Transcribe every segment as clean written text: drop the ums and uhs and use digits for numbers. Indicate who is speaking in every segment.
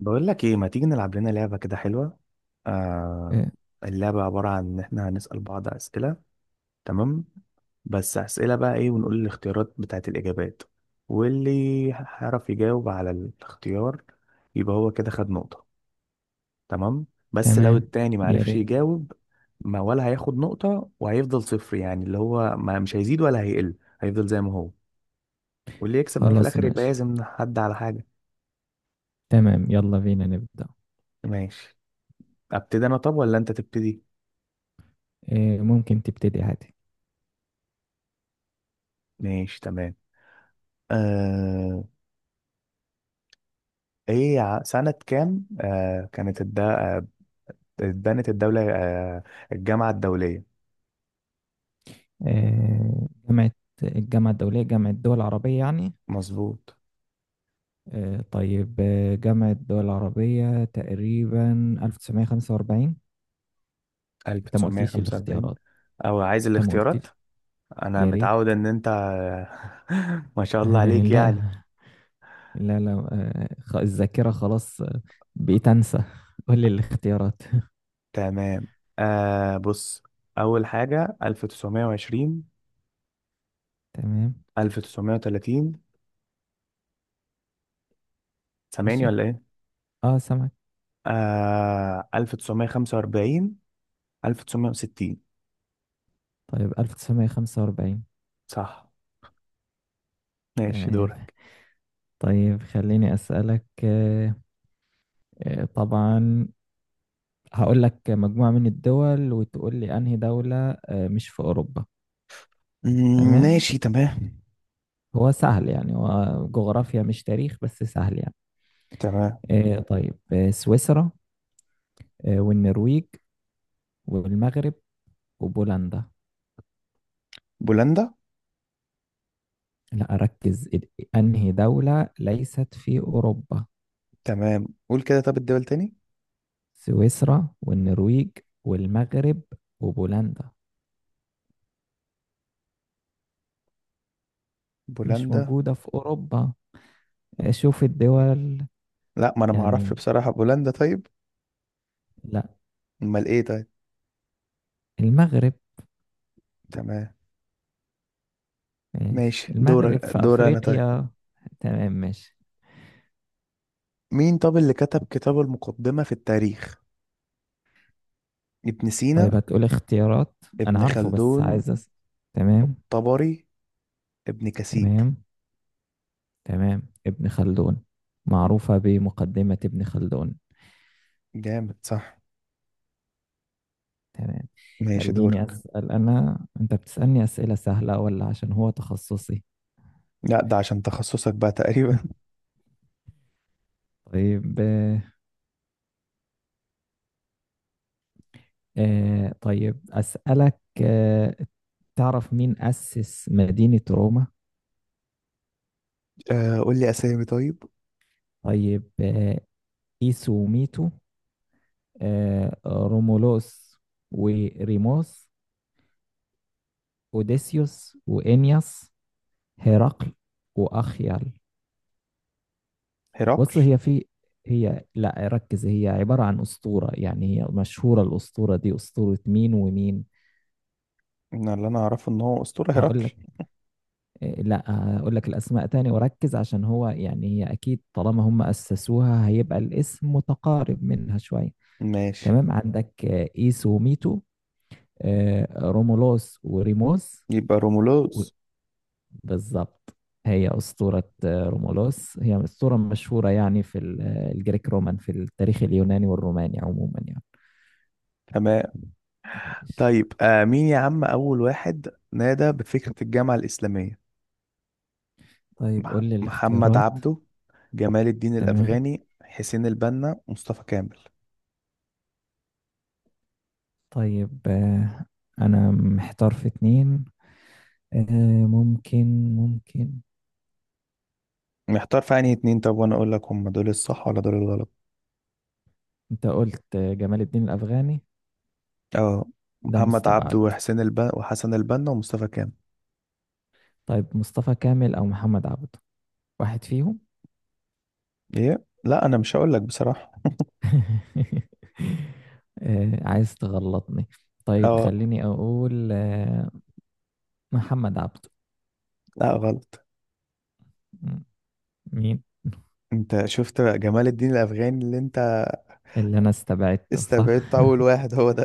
Speaker 1: بقول لك ايه ما تيجي نلعب لنا لعبة كده حلوة؟ آه.
Speaker 2: آه،
Speaker 1: اللعبة عبارة عن ان احنا هنسأل بعض أسئلة. تمام. بس أسئلة بقى ايه ونقول الاختيارات بتاعت الإجابات، واللي هيعرف يجاوب على الاختيار يبقى هو كده خد نقطة. تمام. بس لو
Speaker 2: تمام.
Speaker 1: التاني
Speaker 2: يا
Speaker 1: معرفش
Speaker 2: ريت.
Speaker 1: يجاوب ما ولا هياخد نقطة، وهيفضل صفر يعني اللي هو ما مش هيزيد ولا هيقل، هيفضل زي ما هو. واللي يكسب بقى في
Speaker 2: خلاص
Speaker 1: الآخر يبقى
Speaker 2: ماشي.
Speaker 1: لازم حد على حاجة.
Speaker 2: تمام، يلا بينا نبدأ.
Speaker 1: ماشي. أبتدي أنا طب ولا أنت تبتدي؟
Speaker 2: ممكن تبتدي عادي.
Speaker 1: ماشي تمام. آه ايه سنة كام، كانت الد... آه، اتبنت الدولة، الجامعة الدولية.
Speaker 2: آه، جامعة الجامعة الدولية، جامعة الدول العربية يعني.
Speaker 1: مظبوط.
Speaker 2: طيب، جامعة الدول العربية تقريبا 1945. انت ما قلتليش
Speaker 1: 1945.
Speaker 2: الاختيارات،
Speaker 1: او عايز
Speaker 2: انت ما
Speaker 1: الاختيارات.
Speaker 2: قلتلي.
Speaker 1: انا
Speaker 2: يا
Speaker 1: متعود
Speaker 2: ريت.
Speaker 1: ان انت. ما شاء الله عليك
Speaker 2: لا،
Speaker 1: يعني.
Speaker 2: لا، لا. الذاكرة خلاص. بقيت انسى. قول لي الاختيارات.
Speaker 1: تمام. بص، اول حاجة 1920،
Speaker 2: تمام
Speaker 1: 1930. سامعني
Speaker 2: ماشي.
Speaker 1: ولا ايه؟
Speaker 2: اه، سامعك.
Speaker 1: 1945، 1960.
Speaker 2: طيب، 1945.
Speaker 1: صح. ماشي
Speaker 2: تمام،
Speaker 1: دورك.
Speaker 2: طيب خليني أسألك. طبعا، هقول لك مجموعة من الدول وتقول لي أنهي دولة مش في أوروبا.
Speaker 1: مم،
Speaker 2: تمام.
Speaker 1: ماشي تمام.
Speaker 2: هو سهل يعني، هو جغرافيا مش تاريخ بس سهل يعني.
Speaker 1: تمام.
Speaker 2: طيب، سويسرا، والنرويج، والمغرب، وبولندا.
Speaker 1: بولندا.
Speaker 2: لا، أركز. أنهي دولة ليست في أوروبا؟
Speaker 1: تمام قول كده، طب الدول تاني.
Speaker 2: سويسرا والنرويج والمغرب وبولندا، مش
Speaker 1: بولندا.
Speaker 2: موجودة في أوروبا. شوف الدول.
Speaker 1: لا، ما انا ما اعرفش
Speaker 2: يعني،
Speaker 1: بصراحة بولندا. طيب
Speaker 2: لا،
Speaker 1: امال ايه؟ طيب
Speaker 2: المغرب.
Speaker 1: تمام.
Speaker 2: ماشي،
Speaker 1: ماشي، دور
Speaker 2: المغرب في
Speaker 1: دور انا. طيب
Speaker 2: أفريقيا. تمام ماشي.
Speaker 1: مين طب اللي كتب كتاب المقدمة في التاريخ؟ ابن سينا،
Speaker 2: طيب هتقول اختيارات. أنا
Speaker 1: ابن
Speaker 2: عارفه بس
Speaker 1: خلدون،
Speaker 2: عايز تمام.
Speaker 1: الطبري، ابن كثير.
Speaker 2: تمام. تمام، ابن خلدون. معروفة بمقدمة ابن خلدون.
Speaker 1: جامد صح.
Speaker 2: تمام.
Speaker 1: ماشي
Speaker 2: خليني
Speaker 1: دورك.
Speaker 2: أسأل أنا، أنت بتسألني أسئلة سهلة ولا عشان هو تخصصي؟
Speaker 1: لا ده عشان تخصصك بقى تقريبا.
Speaker 2: طيب آه، طيب أسألك آه، تعرف مين أسس مدينة روما؟
Speaker 1: قول لي اسامي طيب.
Speaker 2: طيب آه، إيسو وميتو، رومولوس وريموس، اوديسيوس وانياس، هرقل، واخيال.
Speaker 1: هرقل.
Speaker 2: بص هي في هي لا، ركز. هي عبارة عن أسطورة يعني، هي مشهورة الأسطورة دي، أسطورة مين ومين؟
Speaker 1: أنا اللي انا اعرفه ان هو اسطورة
Speaker 2: هقول
Speaker 1: هرقل.
Speaker 2: لك. لا، هقول لك الأسماء تاني وركز عشان هو يعني، هي أكيد طالما هم أسسوها هيبقى الاسم متقارب منها شوية.
Speaker 1: ماشي.
Speaker 2: تمام، عندك إيس وميتو، رومولوس وريموس.
Speaker 1: يبقى رومولوز.
Speaker 2: بالضبط. هي أسطورة رومولوس، هي أسطورة مشهورة يعني، في الجريك رومان، في التاريخ اليوناني والروماني عموما يعني.
Speaker 1: تمام.
Speaker 2: ماشي.
Speaker 1: طيب مين يا عم أول واحد نادى بفكرة الجامعة الإسلامية؟
Speaker 2: طيب قول لي
Speaker 1: محمد
Speaker 2: الاختيارات.
Speaker 1: عبده، جمال الدين
Speaker 2: تمام.
Speaker 1: الأفغاني، حسين البنا، مصطفى كامل.
Speaker 2: طيب، أنا محتار في اتنين. ممكن.
Speaker 1: محتار في أنهي اتنين؟ طب وأنا أقول لك هم دول الصح ولا دول الغلط.
Speaker 2: أنت قلت جمال الدين الأفغاني،
Speaker 1: اه.
Speaker 2: ده
Speaker 1: محمد عبده
Speaker 2: مستبعد.
Speaker 1: وحسين البنا وحسن البنا ومصطفى كامل.
Speaker 2: طيب، مصطفى كامل أو محمد عبده، واحد فيهم.
Speaker 1: إيه لا، أنا مش هقول لك بصراحة.
Speaker 2: عايز تغلطني. طيب
Speaker 1: اه.
Speaker 2: خليني أقول محمد عبده.
Speaker 1: لا غلط.
Speaker 2: مم. مين؟
Speaker 1: أنت شفت بقى جمال الدين الأفغاني اللي أنت
Speaker 2: اللي انا استبعدته صح.
Speaker 1: استبعدت أول واحد هو ده.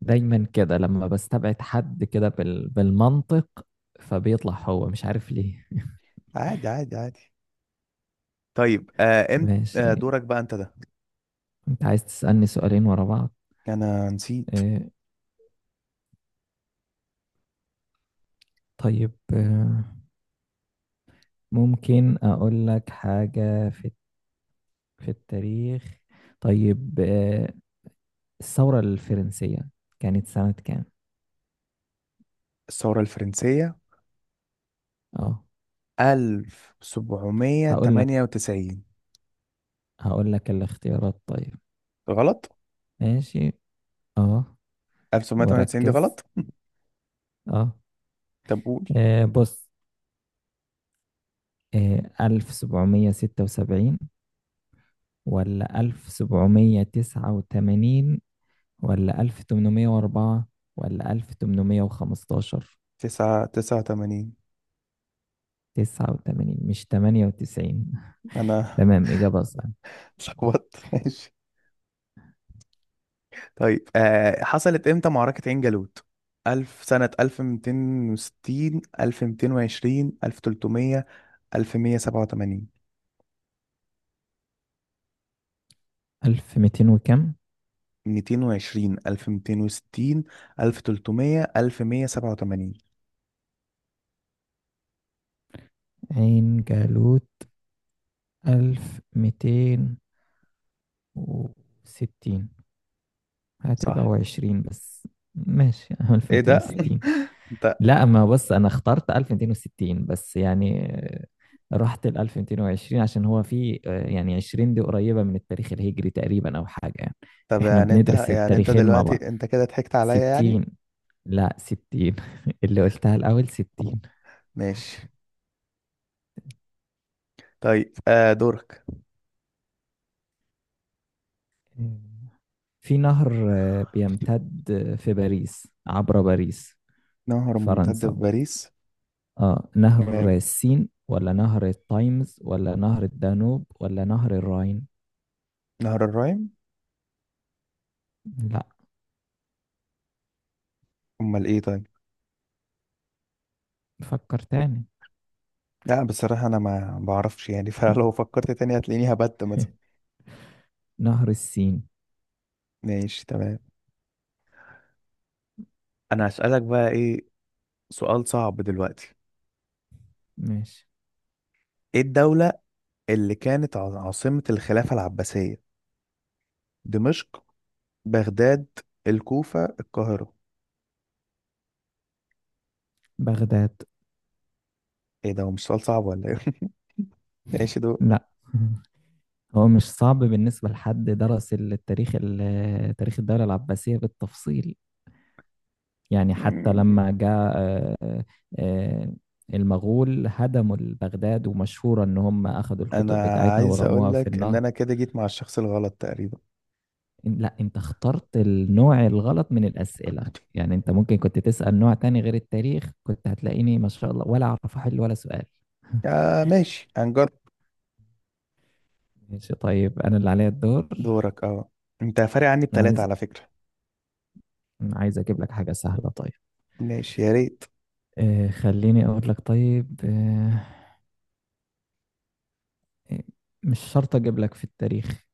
Speaker 2: دايما كده لما بستبعد حد كده بالمنطق، فبيطلع هو، مش عارف ليه.
Speaker 1: عادي عادي عادي. طيب آه امت آه
Speaker 2: ماشي.
Speaker 1: دورك بقى أنت ده.
Speaker 2: انت عايز تسألني سؤالين ورا بعض؟
Speaker 1: أنا نسيت.
Speaker 2: اه. طيب اه، ممكن اقول لك حاجة في التاريخ. طيب اه، الثورة الفرنسية كانت سنة كام؟
Speaker 1: الثورة الفرنسية
Speaker 2: اه، هقول لك
Speaker 1: 1798.
Speaker 2: هقول لك الاختيارات طيب.
Speaker 1: غلط.
Speaker 2: ماشي. اه.
Speaker 1: 1798 دي
Speaker 2: وركز.
Speaker 1: غلط.
Speaker 2: اه.
Speaker 1: طب قول.
Speaker 2: بص، 1776، ولا 1789، ولا 1804، ولا 1815.
Speaker 1: 9 89.
Speaker 2: تسعة وتمانين مش تمانية وتسعين.
Speaker 1: أنا
Speaker 2: تمام، إجابة صح.
Speaker 1: اتلخبطت. ماشي. طيب حصلت إمتى معركة عين جالوت؟ ألف سنة 1260، 1220، 1300، 1187.
Speaker 2: ألف ميتين وكم؟
Speaker 1: 220، 1260، 1300، 1187.
Speaker 2: عين جالوت 1260. هتبقى
Speaker 1: صح.
Speaker 2: وعشرين بس. ماشي، ألف
Speaker 1: ايه
Speaker 2: ميتين
Speaker 1: ده؟
Speaker 2: وستين
Speaker 1: انت.
Speaker 2: لا، ما بص انا اخترت 1260 بس يعني، رحت ل 1220 عشان هو في يعني 20 دي قريبة من التاريخ الهجري تقريبا او حاجة يعني.
Speaker 1: طب
Speaker 2: احنا
Speaker 1: يعني انت
Speaker 2: بندرس
Speaker 1: يعني انت
Speaker 2: التاريخين مع بعض.
Speaker 1: دلوقتي انت كده ضحكت عليا يعني.
Speaker 2: 60. لا، 60. اللي قلتها الاول 60.
Speaker 1: ماشي. طيب دورك.
Speaker 2: في نهر بيمتد في باريس، عبر باريس
Speaker 1: نهر ممتد في
Speaker 2: فرنسا.
Speaker 1: باريس.
Speaker 2: اه، نهر
Speaker 1: تمام.
Speaker 2: السين ولا نهر التايمز ولا نهر الدانوب ولا نهر الراين.
Speaker 1: نهر الراين.
Speaker 2: لا،
Speaker 1: امال ايه طيب؟
Speaker 2: فكر تاني.
Speaker 1: لا بصراحة انا ما بعرفش يعني، فلو فكرت تاني هتلاقيني هبت مثلا.
Speaker 2: نهر السين.
Speaker 1: ماشي تمام. انا هسألك بقى ايه. سؤال صعب دلوقتي.
Speaker 2: ماشي.
Speaker 1: ايه الدولة اللي كانت عاصمة الخلافة العباسية؟ دمشق، بغداد، الكوفة، القاهرة.
Speaker 2: بغداد.
Speaker 1: ايه ده، هو مش سؤال صعب ولا ايه؟ ماشي.
Speaker 2: لا. هو مش صعب بالنسبة لحد درس التاريخ، تاريخ الدولة العباسية بالتفصيل يعني. حتى
Speaker 1: دول.
Speaker 2: لما جاء آه، المغول هدموا بغداد، ومشهورة إن هم أخذوا
Speaker 1: انا
Speaker 2: الكتب بتاعتها
Speaker 1: عايز اقول
Speaker 2: ورموها في
Speaker 1: لك ان
Speaker 2: النهر.
Speaker 1: انا كده جيت مع الشخص الغلط تقريبا.
Speaker 2: لا، أنت اخترت النوع الغلط من الأسئلة يعني. أنت ممكن كنت تسأل نوع تاني غير التاريخ، كنت هتلاقيني ما شاء الله ولا أعرف أحل ولا سؤال.
Speaker 1: يا ماشي هنجرب.
Speaker 2: ماشي طيب، أنا اللي عليا الدور.
Speaker 1: دورك اه. انت فارق عني
Speaker 2: أنا
Speaker 1: بتلاتة
Speaker 2: عايز
Speaker 1: على فكرة.
Speaker 2: أنا عايز أجيب لك حاجة سهلة طيب.
Speaker 1: ماشي يا ريت.
Speaker 2: آه، خليني أقول لك طيب آه، مش شرط أجيب لك في التاريخ.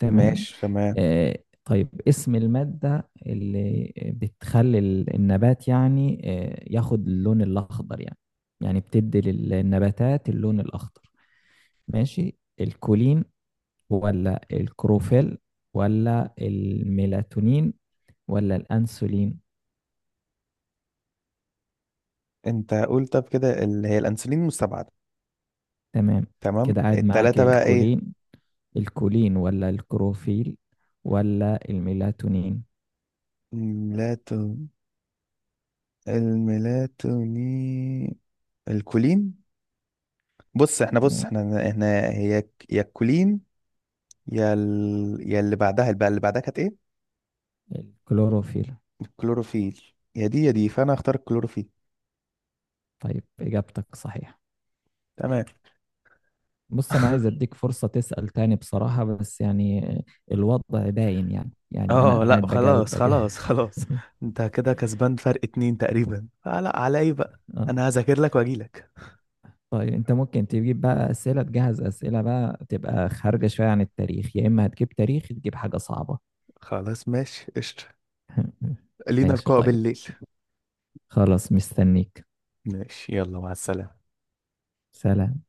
Speaker 2: تمام.
Speaker 1: ماشي تمام.
Speaker 2: آه، طيب اسم المادة اللي بتخلي النبات يعني آه ياخد اللون الأخضر يعني، يعني بتدي للنباتات اللون الأخضر. ماشي، الكولين، ولا الكروفيل، ولا الميلاتونين، ولا الأنسولين.
Speaker 1: انت قول طب كده اللي هي الانسولين المستبعدة.
Speaker 2: تمام،
Speaker 1: تمام
Speaker 2: كده قاعد معاك
Speaker 1: التلاتة بقى ايه؟
Speaker 2: الكولين. الكولين ولا الكروفيل، ولا الميلاتونين.
Speaker 1: الميلاتون الميلاتونين، الكولين. بص احنا بص
Speaker 2: آه،
Speaker 1: احنا احنا هي يا الكولين، يا اللي بعدها كانت ايه؟
Speaker 2: الكلوروفيل.
Speaker 1: الكلوروفيل. يا دي يا دي فانا هختار الكلوروفيل.
Speaker 2: طيب، إجابتك صحيحة.
Speaker 1: تمام.
Speaker 2: بص، أنا عايز أديك فرصة تسأل تاني بصراحة، بس يعني الوضع باين يعني، أنا
Speaker 1: اه لا
Speaker 2: قاعد بجاوب
Speaker 1: خلاص
Speaker 2: بجاوب.
Speaker 1: خلاص خلاص. انت كده كسبان فرق اتنين تقريبا، فلا على ايه بقى.
Speaker 2: آه.
Speaker 1: انا هذاكر لك واجي لك.
Speaker 2: طيب، أنت ممكن تجيب بقى أسئلة، تجهز أسئلة بقى تبقى خارجة شوية عن التاريخ، يا إما هتجيب تاريخ تجيب حاجة صعبة.
Speaker 1: خلاص ماشي قشطة. لينا
Speaker 2: ماشي
Speaker 1: لقاء
Speaker 2: طيب.
Speaker 1: بالليل.
Speaker 2: خلاص مستنيك.
Speaker 1: ماشي يلا مع السلامة.
Speaker 2: سلام.